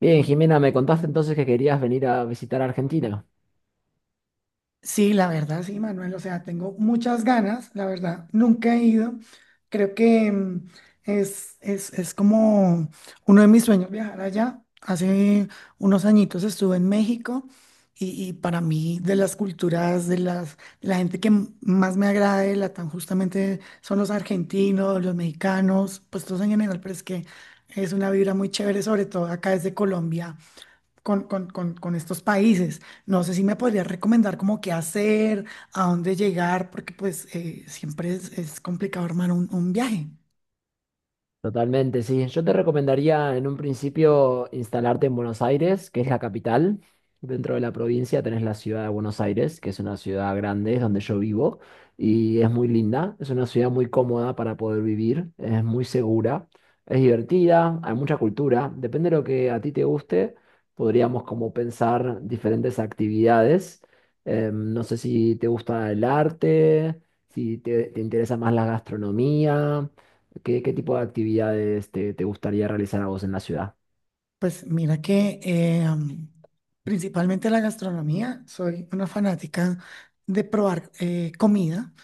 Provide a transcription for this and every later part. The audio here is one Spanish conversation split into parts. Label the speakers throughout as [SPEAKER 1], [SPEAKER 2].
[SPEAKER 1] Bien, Jimena, me contaste entonces que querías venir a visitar Argentina.
[SPEAKER 2] Sí, la verdad, sí, Manuel, o sea, tengo muchas ganas, la verdad, nunca he ido. Creo que es como uno de mis sueños viajar allá. Hace unos añitos estuve en México y para mí de las culturas, la gente que más me agrada de Latam justamente son los argentinos, los mexicanos, pues todos en general, pero es que es una vibra muy chévere, sobre todo acá desde Colombia con estos países. No sé si me podrías recomendar como qué hacer, a dónde llegar, porque pues siempre es complicado armar un viaje.
[SPEAKER 1] Totalmente, sí. Yo te recomendaría en un principio instalarte en Buenos Aires, que es la capital. Dentro de la provincia tenés la ciudad de Buenos Aires, que es una ciudad grande, es donde yo vivo, y es muy linda, es una ciudad muy cómoda para poder vivir, es muy segura, es divertida, hay mucha cultura, depende de lo que a ti te guste, podríamos como pensar diferentes actividades. No sé si te gusta el arte, si te interesa más la gastronomía. ¿Qué, qué tipo de actividades te, te gustaría realizar a vos en la ciudad?
[SPEAKER 2] Pues mira que principalmente la gastronomía, soy una fanática de probar comida,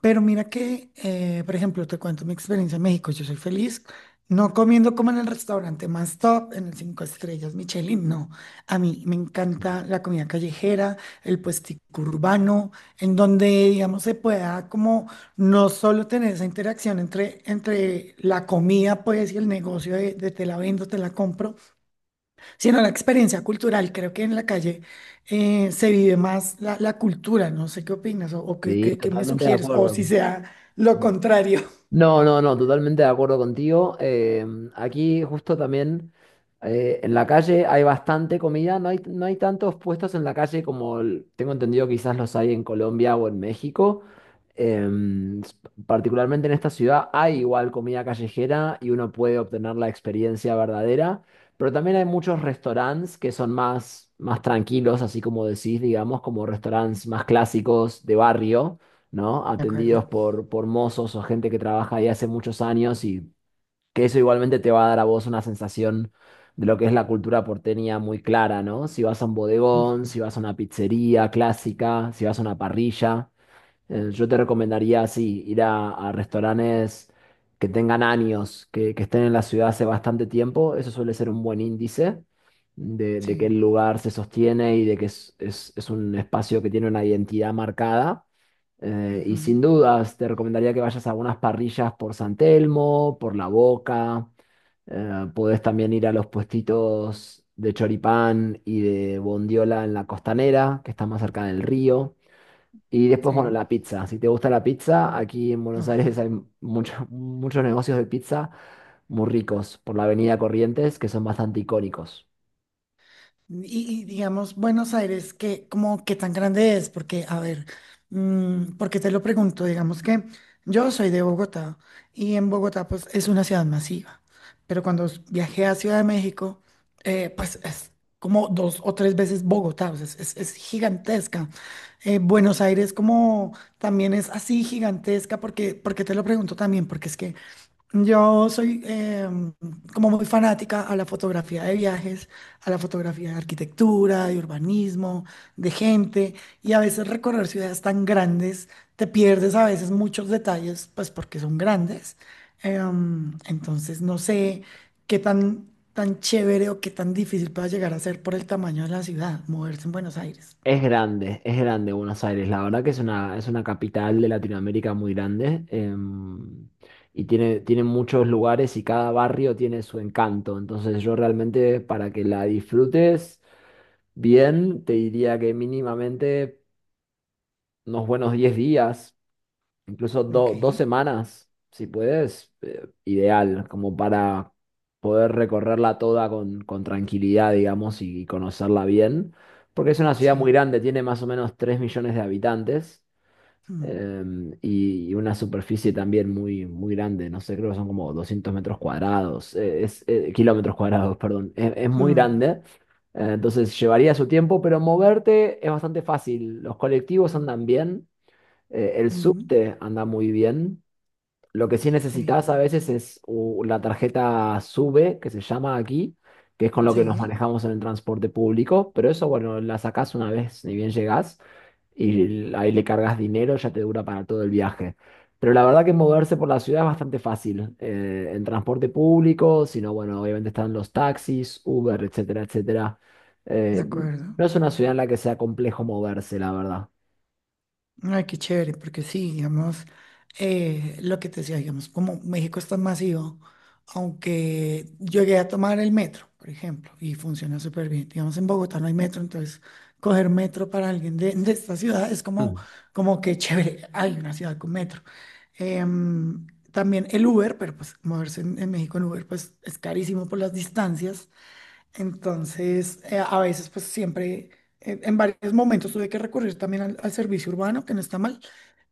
[SPEAKER 2] pero mira que, por ejemplo, te cuento mi experiencia en México, yo soy feliz no comiendo como en el restaurante más top, en el cinco estrellas Michelin, no, a mí me encanta la comida callejera, el puestico urbano, en donde, digamos, se pueda como no solo tener esa interacción entre la comida, pues, y el negocio de te la vendo, te la compro, sino la experiencia cultural. Creo que en la calle se vive más la cultura. No sé qué opinas o qué,
[SPEAKER 1] Sí,
[SPEAKER 2] qué- qué me
[SPEAKER 1] totalmente de
[SPEAKER 2] sugieres, o
[SPEAKER 1] acuerdo.
[SPEAKER 2] si sea lo contrario.
[SPEAKER 1] No, no, no, totalmente de acuerdo contigo. Aquí justo también en la calle hay bastante comida, no hay, no hay tantos puestos en la calle como tengo entendido quizás los hay en Colombia o en México. Em, s- Particularmente en esta ciudad hay igual comida callejera y uno puede obtener la experiencia verdadera, pero también hay muchos restaurantes que son más, más tranquilos, así como decís, digamos, como restaurantes más clásicos de barrio, ¿no?
[SPEAKER 2] ¿De acuerdo?
[SPEAKER 1] Atendidos por mozos o gente que trabaja ahí hace muchos años y que eso igualmente te va a dar a vos una sensación de lo que es la cultura porteña muy clara, ¿no? Si vas a un bodegón,
[SPEAKER 2] Ujú.
[SPEAKER 1] si vas a una pizzería clásica, si vas a una parrilla. Yo te recomendaría así, ir a restaurantes que tengan años, que estén en la ciudad hace bastante tiempo. Eso suele ser un buen índice de que
[SPEAKER 2] Sí.
[SPEAKER 1] el lugar se sostiene y de que es, es un espacio que tiene una identidad marcada. Y sin
[SPEAKER 2] Ujú.
[SPEAKER 1] dudas, te recomendaría que vayas a algunas parrillas por San Telmo, por La Boca. Podés también ir a los puestitos de choripán y de bondiola en la costanera, que está más cerca del río. Y después, bueno,
[SPEAKER 2] Sí.
[SPEAKER 1] la pizza. Si te gusta la pizza, aquí en Buenos Aires
[SPEAKER 2] Uf.
[SPEAKER 1] hay muchos, muchos negocios de pizza muy ricos por la Avenida Corrientes que son bastante icónicos.
[SPEAKER 2] Y digamos, Buenos Aires, ¿qué, como, qué tan grande es? Porque, a ver, ¿por qué te lo pregunto? Digamos que yo soy de Bogotá y en Bogotá pues es una ciudad masiva, pero cuando viajé a Ciudad de México, pues es como dos o tres veces Bogotá, o sea, es, es gigantesca. Buenos Aires como también es así gigantesca, porque, ¿por qué te lo pregunto también? Porque es que yo soy como muy fanática a la fotografía de viajes, a la fotografía de arquitectura, de urbanismo, de gente, y a veces recorrer ciudades tan grandes, te pierdes a veces muchos detalles, pues porque son grandes. Entonces no sé qué tan chévere o qué tan difícil pueda llegar a ser por el tamaño de la ciudad, moverse en Buenos Aires.
[SPEAKER 1] Es grande Buenos Aires. La verdad que es una capital de Latinoamérica muy grande. Y tiene, tiene muchos lugares y cada barrio tiene su encanto. Entonces yo realmente para que la disfrutes bien, te diría que mínimamente unos buenos 10 días. Incluso
[SPEAKER 2] Ok,
[SPEAKER 1] dos semanas, si puedes, ideal, como para poder recorrerla toda con tranquilidad, digamos, y conocerla bien, porque es una ciudad muy
[SPEAKER 2] sí.
[SPEAKER 1] grande, tiene más o menos 3 millones de habitantes.
[SPEAKER 2] Mm,
[SPEAKER 1] Y, y una superficie también muy, muy grande, no sé, creo que son como 200 metros cuadrados, es, kilómetros cuadrados, perdón, es muy
[SPEAKER 2] mm,
[SPEAKER 1] grande, entonces llevaría su tiempo, pero moverte es bastante fácil, los colectivos andan bien, el
[SPEAKER 2] mm,
[SPEAKER 1] subte anda muy bien. Lo que sí
[SPEAKER 2] sí,
[SPEAKER 1] necesitas a veces es la tarjeta SUBE, que se llama aquí, que es con lo que nos
[SPEAKER 2] sí,
[SPEAKER 1] manejamos en el transporte público. Pero eso, bueno, la sacás una vez ni bien llegás y ahí le cargas dinero, ya te dura para todo el viaje. Pero la verdad que moverse por la ciudad es bastante fácil. En transporte público, sino, bueno, obviamente están los taxis, Uber, etcétera, etcétera.
[SPEAKER 2] de
[SPEAKER 1] Eh,
[SPEAKER 2] acuerdo.
[SPEAKER 1] no es una ciudad en la que sea complejo moverse, la verdad.
[SPEAKER 2] Ay, qué chévere, porque sí, digamos, lo que te decía, digamos, como México es tan masivo, aunque llegué a tomar el metro, por ejemplo, y funciona súper bien. Digamos, en Bogotá no hay metro, entonces coger metro para alguien de esta ciudad es como,
[SPEAKER 1] Mm,
[SPEAKER 2] como que chévere, hay una ciudad con metro. Em, también el Uber, pero pues moverse en México en Uber, pues es carísimo por las distancias. Entonces, a veces, pues siempre, en varios momentos tuve que recurrir también al servicio urbano, que no está mal,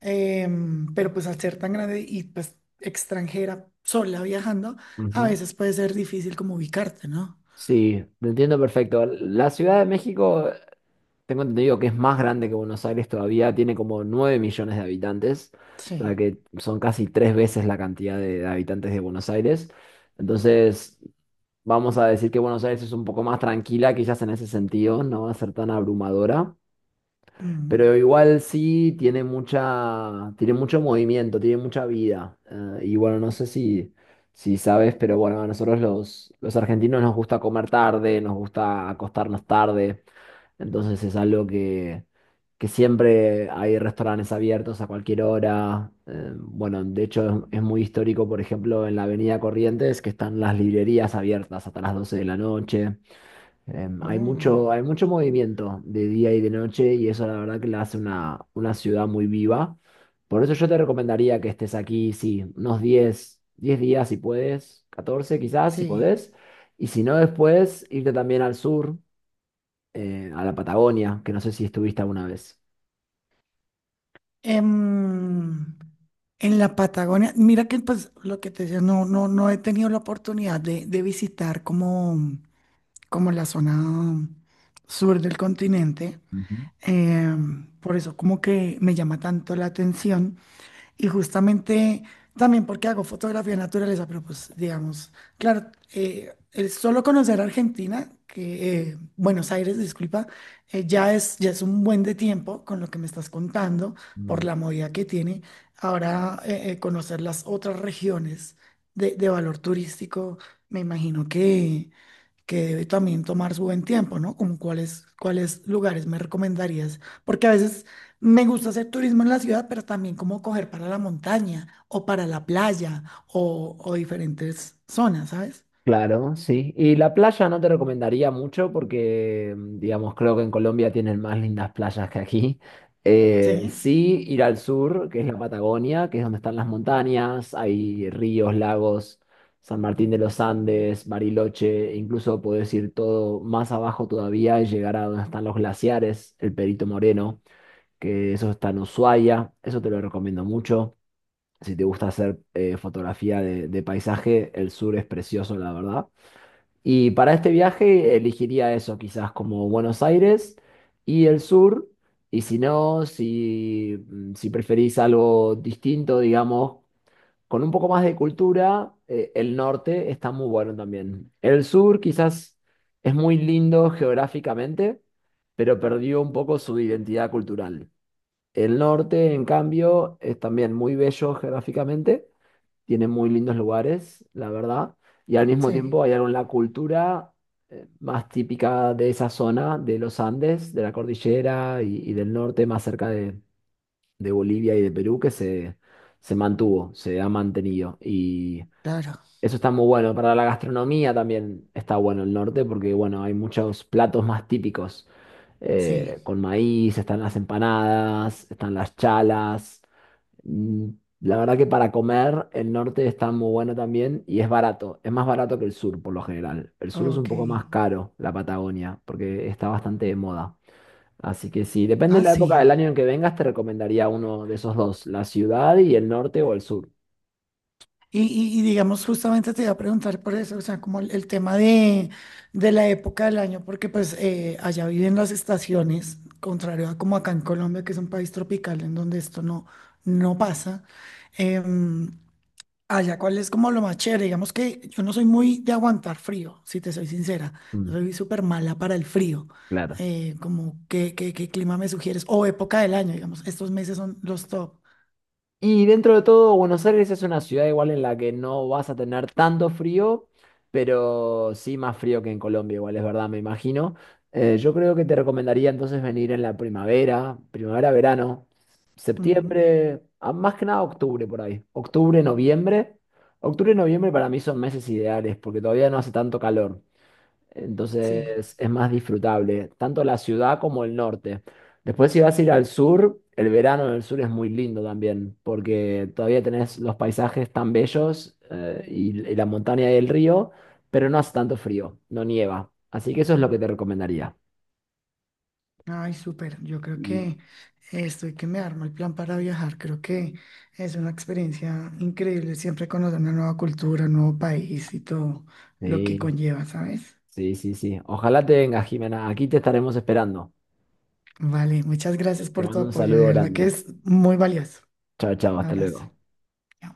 [SPEAKER 2] pero pues al ser tan grande y pues extranjera, sola viajando, a
[SPEAKER 1] ujú.
[SPEAKER 2] veces puede ser difícil como ubicarte, ¿no?
[SPEAKER 1] Sí, te entiendo perfecto. La Ciudad de México, tengo entendido que es más grande que Buenos Aires todavía, tiene como 9 millones de habitantes, o sea
[SPEAKER 2] Sí.
[SPEAKER 1] que son casi tres veces la cantidad de habitantes de Buenos Aires. Entonces, vamos a decir que Buenos Aires es un poco más tranquila, quizás en ese sentido, no va a ser tan abrumadora. Pero
[SPEAKER 2] Mm.
[SPEAKER 1] igual sí tiene mucha, tiene mucho movimiento, tiene mucha vida. Y bueno, no sé si, si sabes, pero bueno, a nosotros los argentinos nos gusta comer tarde, nos gusta acostarnos tarde. Entonces es algo que siempre hay restaurantes abiertos a cualquier hora. Bueno, de hecho es muy histórico, por ejemplo, en la Avenida Corrientes, que están las librerías abiertas hasta las 12 de la noche. Hay
[SPEAKER 2] Oh,
[SPEAKER 1] mucho, hay mucho movimiento de día y de noche y eso la verdad que la hace una ciudad muy viva. Por eso yo te recomendaría que estés aquí, sí, unos diez días si puedes, 14 quizás si
[SPEAKER 2] sí.
[SPEAKER 1] podés. Y si no, después irte también al sur, a la Patagonia, que no sé si estuviste alguna vez.
[SPEAKER 2] Em, en la Patagonia, mira que pues lo que te decía, no, no, no he tenido la oportunidad de visitar como la zona sur del continente. Por eso como que me llama tanto la atención y justamente también porque hago fotografía de naturaleza, pero pues digamos, claro, el solo conocer Argentina, que Buenos Aires, disculpa, ya es un buen de tiempo con lo que me estás contando, por
[SPEAKER 1] Ujú.
[SPEAKER 2] la movida que tiene. Ahora conocer las otras regiones de valor turístico, me imagino que debe también tomar su buen tiempo, ¿no? Como cuáles lugares me recomendarías, porque a veces me gusta hacer turismo en la ciudad, pero también como coger para la montaña o para la playa o diferentes zonas, ¿sabes?
[SPEAKER 1] Claro, sí. Y la playa no te recomendaría mucho porque, digamos, creo que en Colombia tienen más lindas playas que aquí.
[SPEAKER 2] Sí,
[SPEAKER 1] Sí, ir al sur, que es la Patagonia, que es donde están las montañas, hay ríos, lagos, San Martín de los Andes, Bariloche, e incluso podés ir todo más abajo todavía y llegar a donde están los glaciares, el Perito Moreno, que eso está en Ushuaia, eso te lo recomiendo mucho. Si te gusta hacer fotografía de paisaje, el sur es precioso, la verdad. Y para este viaje elegiría eso, quizás como Buenos Aires y el sur. Y si no, si, si preferís algo distinto, digamos, con un poco más de cultura, el norte está muy bueno también. El sur quizás es muy lindo geográficamente, pero perdió un poco su identidad cultural. El norte, en cambio, es también muy bello geográficamente, tiene muy lindos lugares, la verdad, y al mismo
[SPEAKER 2] sí,
[SPEAKER 1] tiempo hay algo en la cultura más típica de esa zona, de los Andes, de la cordillera y del norte, más cerca de Bolivia y de Perú, que se mantuvo, se ha mantenido. Y
[SPEAKER 2] claro,
[SPEAKER 1] eso está muy bueno. Para la gastronomía también está bueno el norte, porque bueno, hay muchos platos más típicos
[SPEAKER 2] sí,
[SPEAKER 1] con maíz, están las empanadas, están las chalas. Mm. La verdad que para comer el norte está muy bueno también y es barato. Es más barato que el sur por lo general. El sur es un
[SPEAKER 2] ok.
[SPEAKER 1] poco más caro, la Patagonia, porque está bastante de moda. Así que sí, depende de
[SPEAKER 2] Ah,
[SPEAKER 1] la época
[SPEAKER 2] sí.
[SPEAKER 1] del año en que vengas, te recomendaría uno de esos dos, la ciudad y el norte o el sur.
[SPEAKER 2] Y digamos, justamente te iba a preguntar por eso, o sea, como el tema de la época del año, porque pues allá viven las estaciones, contrario a como acá en Colombia, que es un país tropical en donde esto no pasa. Em, allá, ¿cuál es como lo más chévere? Digamos que yo no soy muy de aguantar frío, si te soy sincera,
[SPEAKER 1] Mm,
[SPEAKER 2] soy súper mala para el frío.
[SPEAKER 1] claro.
[SPEAKER 2] Como, ¿qué clima me sugieres? O época del año, digamos, estos meses son los top.
[SPEAKER 1] Y dentro de todo, Buenos Aires es una ciudad igual en la que no vas a tener tanto frío, pero sí más frío que en Colombia, igual es verdad, me imagino. Yo creo que te recomendaría entonces venir en la primavera, primavera, verano,
[SPEAKER 2] Ujú,
[SPEAKER 1] septiembre, más que nada octubre por ahí, octubre, noviembre. Octubre y noviembre para mí son meses ideales porque todavía no hace tanto calor.
[SPEAKER 2] sí.
[SPEAKER 1] Entonces es más disfrutable, tanto la ciudad como el norte. Después si vas a ir al sur, el verano en el sur es muy lindo también, porque todavía tenés los paisajes tan bellos y la montaña y el río, pero no hace tanto frío, no nieva. Así que eso es lo que te recomendaría.
[SPEAKER 2] Ay, súper. Yo creo que
[SPEAKER 1] Y-
[SPEAKER 2] estoy que me armo el plan para viajar. Creo que es una experiencia increíble siempre conocer una nueva cultura, un nuevo país y todo lo que
[SPEAKER 1] Sí,
[SPEAKER 2] conlleva, ¿sabes?
[SPEAKER 1] sí, sí, sí. Ojalá te vengas, Jimena. Aquí te estaremos esperando.
[SPEAKER 2] Vale, muchas gracias
[SPEAKER 1] Te
[SPEAKER 2] por tu
[SPEAKER 1] mando un
[SPEAKER 2] apoyo. De
[SPEAKER 1] saludo
[SPEAKER 2] verdad que
[SPEAKER 1] grande.
[SPEAKER 2] es muy valioso.
[SPEAKER 1] Chao, chao,
[SPEAKER 2] Un
[SPEAKER 1] hasta
[SPEAKER 2] abrazo.
[SPEAKER 1] luego.
[SPEAKER 2] Chao.